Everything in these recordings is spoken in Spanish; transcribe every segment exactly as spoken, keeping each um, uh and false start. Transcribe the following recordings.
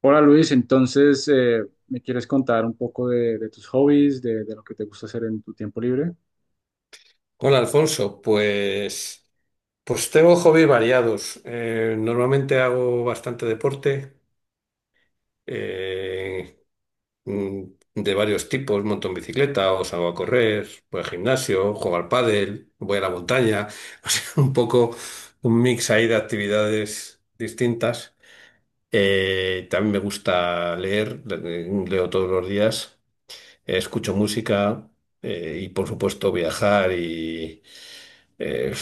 Hola Luis, entonces, eh, ¿me quieres contar un poco de, de tus hobbies, de, de lo que te gusta hacer en tu tiempo libre? Hola Alfonso, pues, pues tengo hobbies variados. Eh, normalmente hago bastante deporte eh, mm, de varios tipos. Monto en bicicleta o salgo a correr, voy al gimnasio, juego al pádel, voy a la montaña. O sea, un poco un mix ahí de actividades distintas. Eh, también me gusta leer, le- leo todos los días, eh, escucho música eh, y por supuesto viajar eh,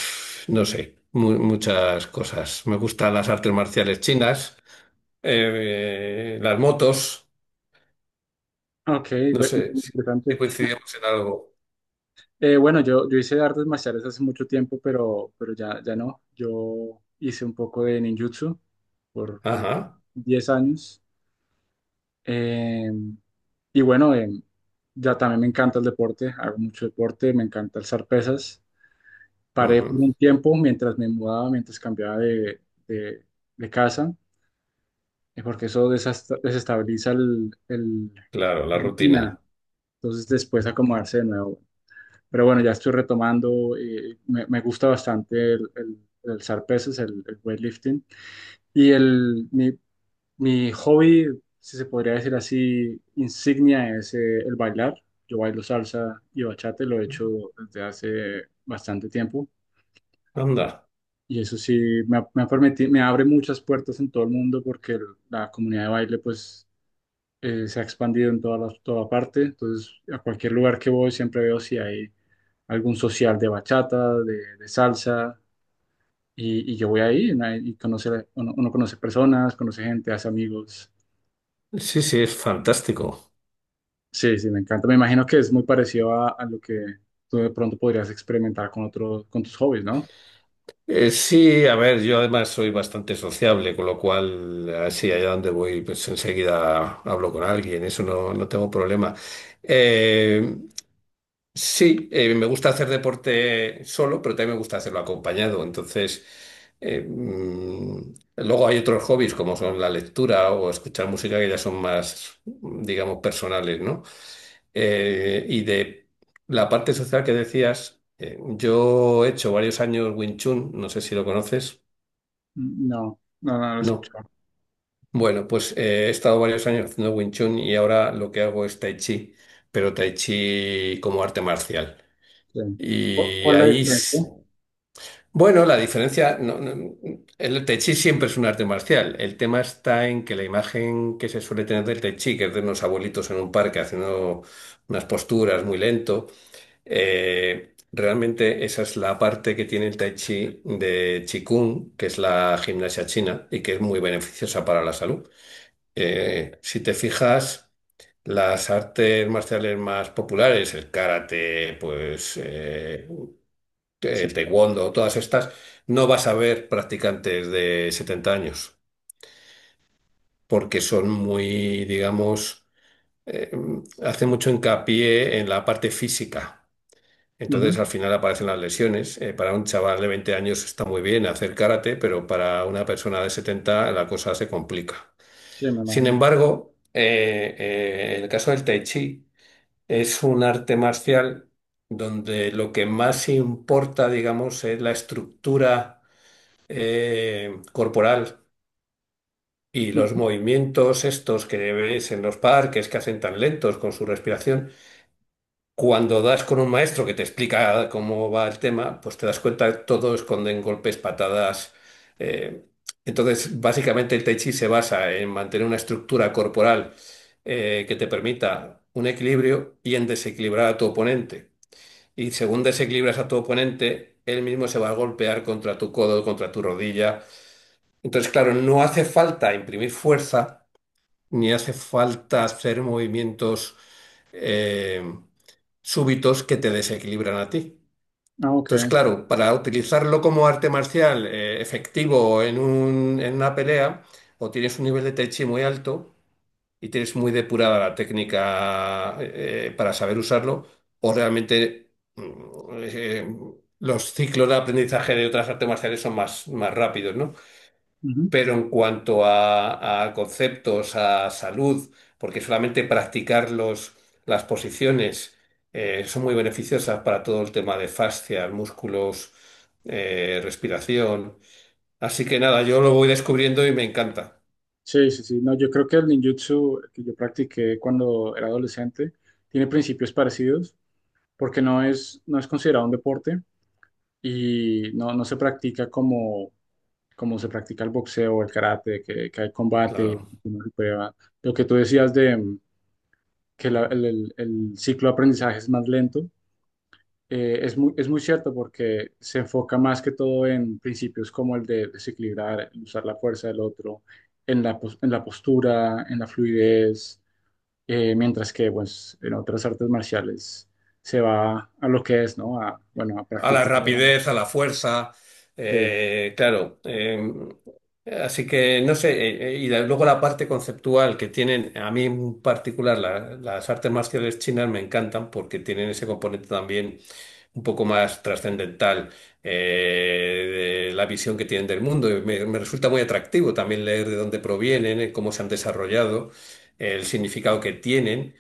no sé, mu- muchas cosas. Me gustan las artes marciales chinas, eh, las motos, Ok, no ve- sé si si interesante. coincidimos en algo. Eh, bueno, yo, yo hice artes marciales hace mucho tiempo, pero, pero ya, ya no. Yo hice un poco de ninjutsu por, por Ajá, diez años. Eh, y bueno, eh, ya también me encanta el deporte, hago mucho deporte, me encanta alzar pesas. Paré por ujú. un tiempo mientras me mudaba, mientras cambiaba de, de de casa. eh, porque eso desasta- desestabiliza el, el Claro, la rutina. rutina, entonces después acomodarse de nuevo. Pero bueno, ya estoy retomando, eh, me, me gusta bastante el, el, el alzar pesas, el, el weightlifting. Y el, mi, mi hobby, si se podría decir así, insignia es eh, el bailar. Yo bailo salsa y bachata, y lo he hecho desde hace bastante tiempo. Anda. Y eso sí, me, ha- me ha permiti- me abre muchas puertas en todo el mundo porque el- la comunidad de baile, pues eh, se ha expandido en toda, las toda parte, entonces a cualquier lugar que voy siempre veo si hay algún social de bachata, de, de salsa, y, y yo voy ahí, ¿no? Y conoce, uno, uno conoce personas, conoce gente, hace amigos. Sí, sí, es fantástico. Sí, sí, me encanta. Me imagino que es muy parecido a, a lo que tú de pronto podrías experimentar con otro, con tus hobbies, ¿no? Eh, sí, a ver, yo además soy bastante sociable, con lo cual, así allá donde voy, pues enseguida hablo con alguien, eso no, no tengo problema. Eh, Sí, eh, me gusta hacer deporte solo, pero también me gusta hacerlo acompañado. Entonces, eh, mm, luego hay otros hobbies como son la lectura o escuchar música que ya son más, digamos, personales, ¿no? Eh, y de la parte social que decías, eh, yo he hecho varios años Wing Chun, no sé si lo conoces. No, no, no lo he No. escuchado. Bueno, pues eh, he estado varios años haciendo Wing Chun y ahora lo que hago es Tai Chi, pero Tai Chi como arte marcial. Sí. ¿Cu- Y Cuál es la ahí diferencia? bueno, la diferencia, no- no- el Tai Chi siempre es un arte marcial. El tema está en que la imagen que se suele tener del Tai Chi, que es de unos abuelitos en un parque haciendo unas posturas muy lento, eh, realmente esa es la parte que tiene el Tai Chi de Qigong, que es la gimnasia china y que es muy beneficiosa para la salud. Eh, si te fijas, las artes marciales más populares, el karate, pues eh, Sí, el taekwondo, todas estas, no vas a ver practicantes de setenta años, porque son muy, digamos, eh, hacen mucho hincapié en la parte física. ujú, Entonces al final aparecen las lesiones. Eh, para un chaval de veinte años está muy bien hacer karate, pero para una persona de setenta la cosa se complica. sí, me Sin imagino. embargo, eh, eh, en el caso del tai chi es un arte marcial donde lo que más importa, digamos, es la estructura eh, corporal, y los Ujú. movimientos estos que ves en los parques que hacen tan lentos con su respiración, cuando das con un maestro que te explica cómo va el tema, pues te das cuenta que todo esconden golpes, patadas. eh, entonces, básicamente el Tai Chi se basa en mantener una estructura corporal eh, que te permita un equilibrio y en desequilibrar a tu oponente. Y según desequilibras a tu oponente, él mismo se va a golpear contra tu codo, contra tu rodilla. Entonces, claro, no hace falta imprimir fuerza, ni hace falta hacer movimientos eh, súbitos que te desequilibran a ti. Ah, ok. Entonces, claro, para utilizarlo como arte marcial eh, efectivo en un- en una pelea, o tienes un nivel de Tai Chi muy alto y tienes muy depurada la técnica eh, para saber usarlo, o realmente mm, eh, los ciclos de aprendizaje de otras artes marciales son más, más rápidos, ¿no? Ujú. Pero en cuanto a, a conceptos, a salud, porque solamente practicar los- las posiciones eh, son muy beneficiosas para todo el tema de fascias, músculos, eh, respiración. Así que nada, yo lo voy descubriendo y me encanta. Sí, sí, sí. No, yo creo que el ninjutsu que yo practiqué cuando era adolescente tiene principios parecidos porque no es, no es considerado un deporte y no, no se practica como, como, se practica el boxeo o el karate, que, que hay combate, Claro. que uno se prueba. Lo que tú decías de mm, que la- el, el- el ciclo de aprendizaje es más lento, eh, es muy, es muy cierto porque se enfoca más que todo en principios como el de desequilibrar, usar la fuerza del otro, en la, pos- en la postura, en la fluidez, eh, mientras que pues, en otras artes marciales se va a lo que es, ¿no? A, bueno, a A la practicar. rapidez, a la fuerza, Sí, eh, claro. Eh, así que no sé, eh, eh, y la- luego la parte conceptual que tienen, a mí en particular la- las artes marciales chinas me encantan porque tienen ese componente también un poco más trascendental, eh, de la visión que tienen del mundo. Y Me, me resulta muy atractivo también leer de dónde provienen, eh, cómo se han desarrollado, el significado que tienen.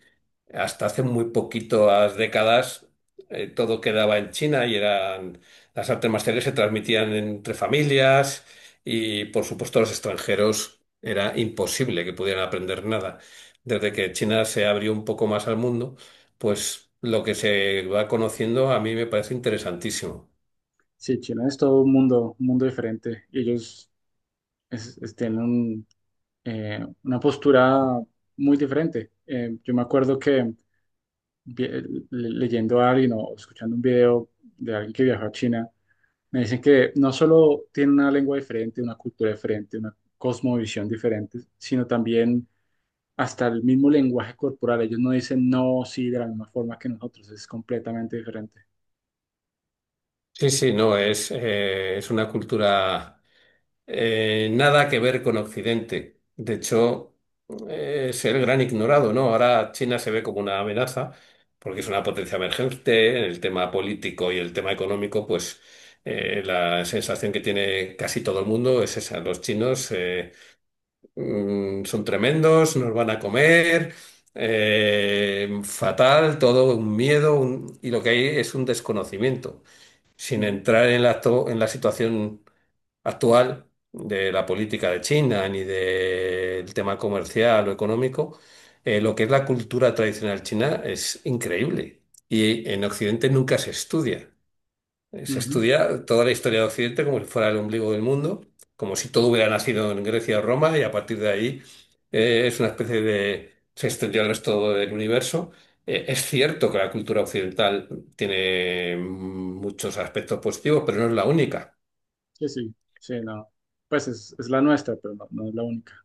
Hasta hace muy poquitas décadas eh, todo quedaba en China y eran las artes marciales se transmitían entre familias y por supuesto los extranjeros era imposible que pudieran aprender nada. Desde que China se abrió un poco más al mundo, pues lo que se va conociendo a mí me parece interesantísimo. sí, China es todo un mundo, un mundo diferente. Y ellos es- es- tienen un, eh, una postura muy diferente. Eh, yo me acuerdo que vi- eh, le- leyendo a alguien o escuchando un video de alguien que viajó a China, me dicen que no solo tiene una lengua diferente, una cultura diferente, una cosmovisión diferente, sino también hasta el mismo lenguaje corporal. Ellos no dicen no, sí, de la misma forma que nosotros, es completamente diferente. Sí, sí, no, es, eh, es una cultura eh, nada que ver con Occidente. De hecho, eh, es el gran ignorado, ¿no? Ahora China se ve como una amenaza porque es una potencia emergente en el tema político y el tema económico, pues eh, la sensación que tiene casi todo el mundo es esa. Los chinos eh, mm, son tremendos, nos van a comer. Eh, fatal, todo un miedo un- y lo que hay es un desconocimiento, sin Ujú, entrar en la, to- en la situación actual de la política de China ni del tema comercial o económico, eh, lo que es la cultura tradicional china es increíble y en Occidente nunca se estudia. Eh, Se ujú. estudia toda la historia de Occidente como si fuera el ombligo del mundo, como si todo hubiera nacido en Grecia o Roma y a partir de ahí eh, es una especie de se extendió al resto del universo. Eh, es cierto que la cultura occidental tiene muchos aspectos positivos, pero no es la única. Sí, sí, sí, no. Pues es, es la nuestra, pero no, no es la única.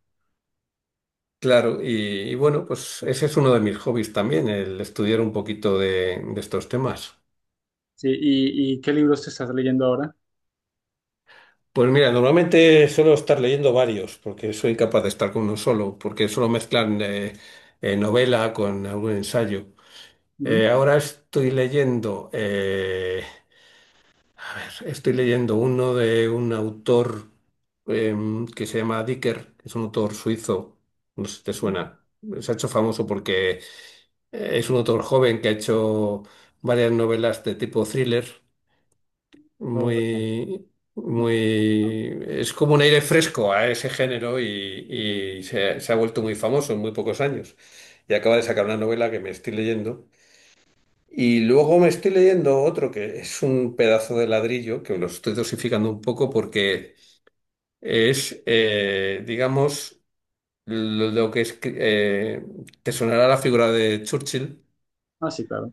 Claro, y, y bueno, pues ese es uno de mis hobbies también, el estudiar un poquito de, de estos temas. Sí, ¿y, y qué libros te estás leyendo ahora? Pues mira, normalmente suelo estar leyendo varios, porque soy incapaz de estar con uno solo, porque suelo mezclar eh, eh, novela con algún ensayo. Ujú, Eh, ahora estoy leyendo, eh, a ver, estoy leyendo uno de un autor em, que se llama Dicker, que es un autor suizo, no sé si te ujú. suena. Se ha hecho famoso porque Eh, es un autor joven que ha hecho varias novelas de tipo thriller, Oh, no, muy, no, no, no, muy, es como un aire fresco a ese género, y y se, se ha vuelto muy famoso en muy pocos años. Y acaba de no. sacar una novela que me estoy leyendo. Y luego me estoy leyendo otro que es un pedazo de ladrillo, que lo estoy dosificando un poco porque es, eh, digamos, lo, lo que es, eh, te sonará la figura de Churchill. Ah, sí, claro.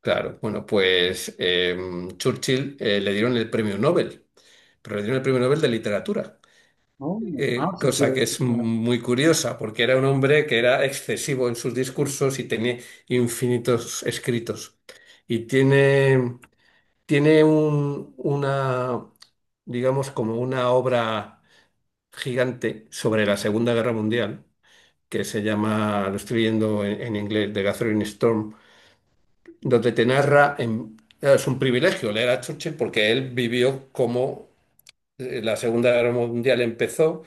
Claro, bueno, pues eh, Churchill eh, le dieron el premio Nobel, pero le dieron el premio Nobel de literatura, Oh, no. Ah, eh, sí, sí, cosa que sí, es claro. muy curiosa porque era un hombre que era excesivo en sus discursos y tenía infinitos escritos. Y tiene, tiene un- una, digamos, como una obra gigante sobre la Segunda Guerra Mundial, que se llama, lo estoy viendo en, en inglés, The Gathering Storm, donde te narra, en- es un privilegio leer a Churchill porque él vivió como eh, la Segunda Guerra Mundial empezó,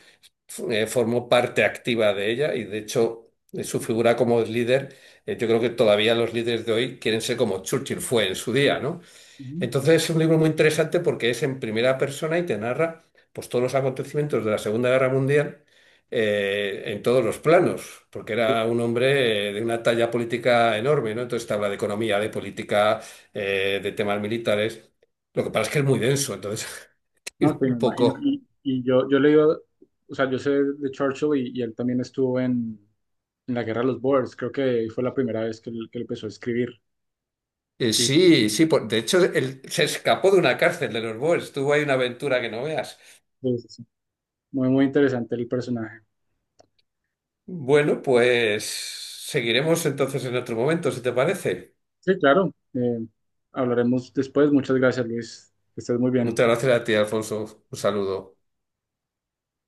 f- eh, formó parte activa de ella, y de hecho eh, su figura como líder, eh, yo creo que todavía los líderes de hoy quieren ser como Churchill fue en su día, ¿no? Ujú. Entonces es un libro muy interesante porque es en primera persona y te narra pues, todos los acontecimientos de la Segunda Guerra Mundial eh, en todos los planos, porque Sí. era un hombre eh, de una talla política enorme, ¿no? Entonces te habla de economía, de política, eh, de temas militares. Lo que pasa es que es muy denso, entonces No, ir sí, me un imagino. poco Y, y yo, yo leí, o sea, yo sé de Churchill y, y él también estuvo en, en la Guerra de los Boers. Creo que fue la primera vez que él, que él empezó a escribir. Eh, Y Sí, sí, por- de hecho él se escapó de una cárcel de los Boers, tuvo ahí una aventura que no veas. pues, sí, muy, muy interesante el personaje. Bueno, pues seguiremos entonces en otro momento, si te parece. Sí, claro. Eh, hablaremos después. Muchas gracias, Luis. Que estés muy bien. Muchas gracias a ti, Alfonso. Un saludo.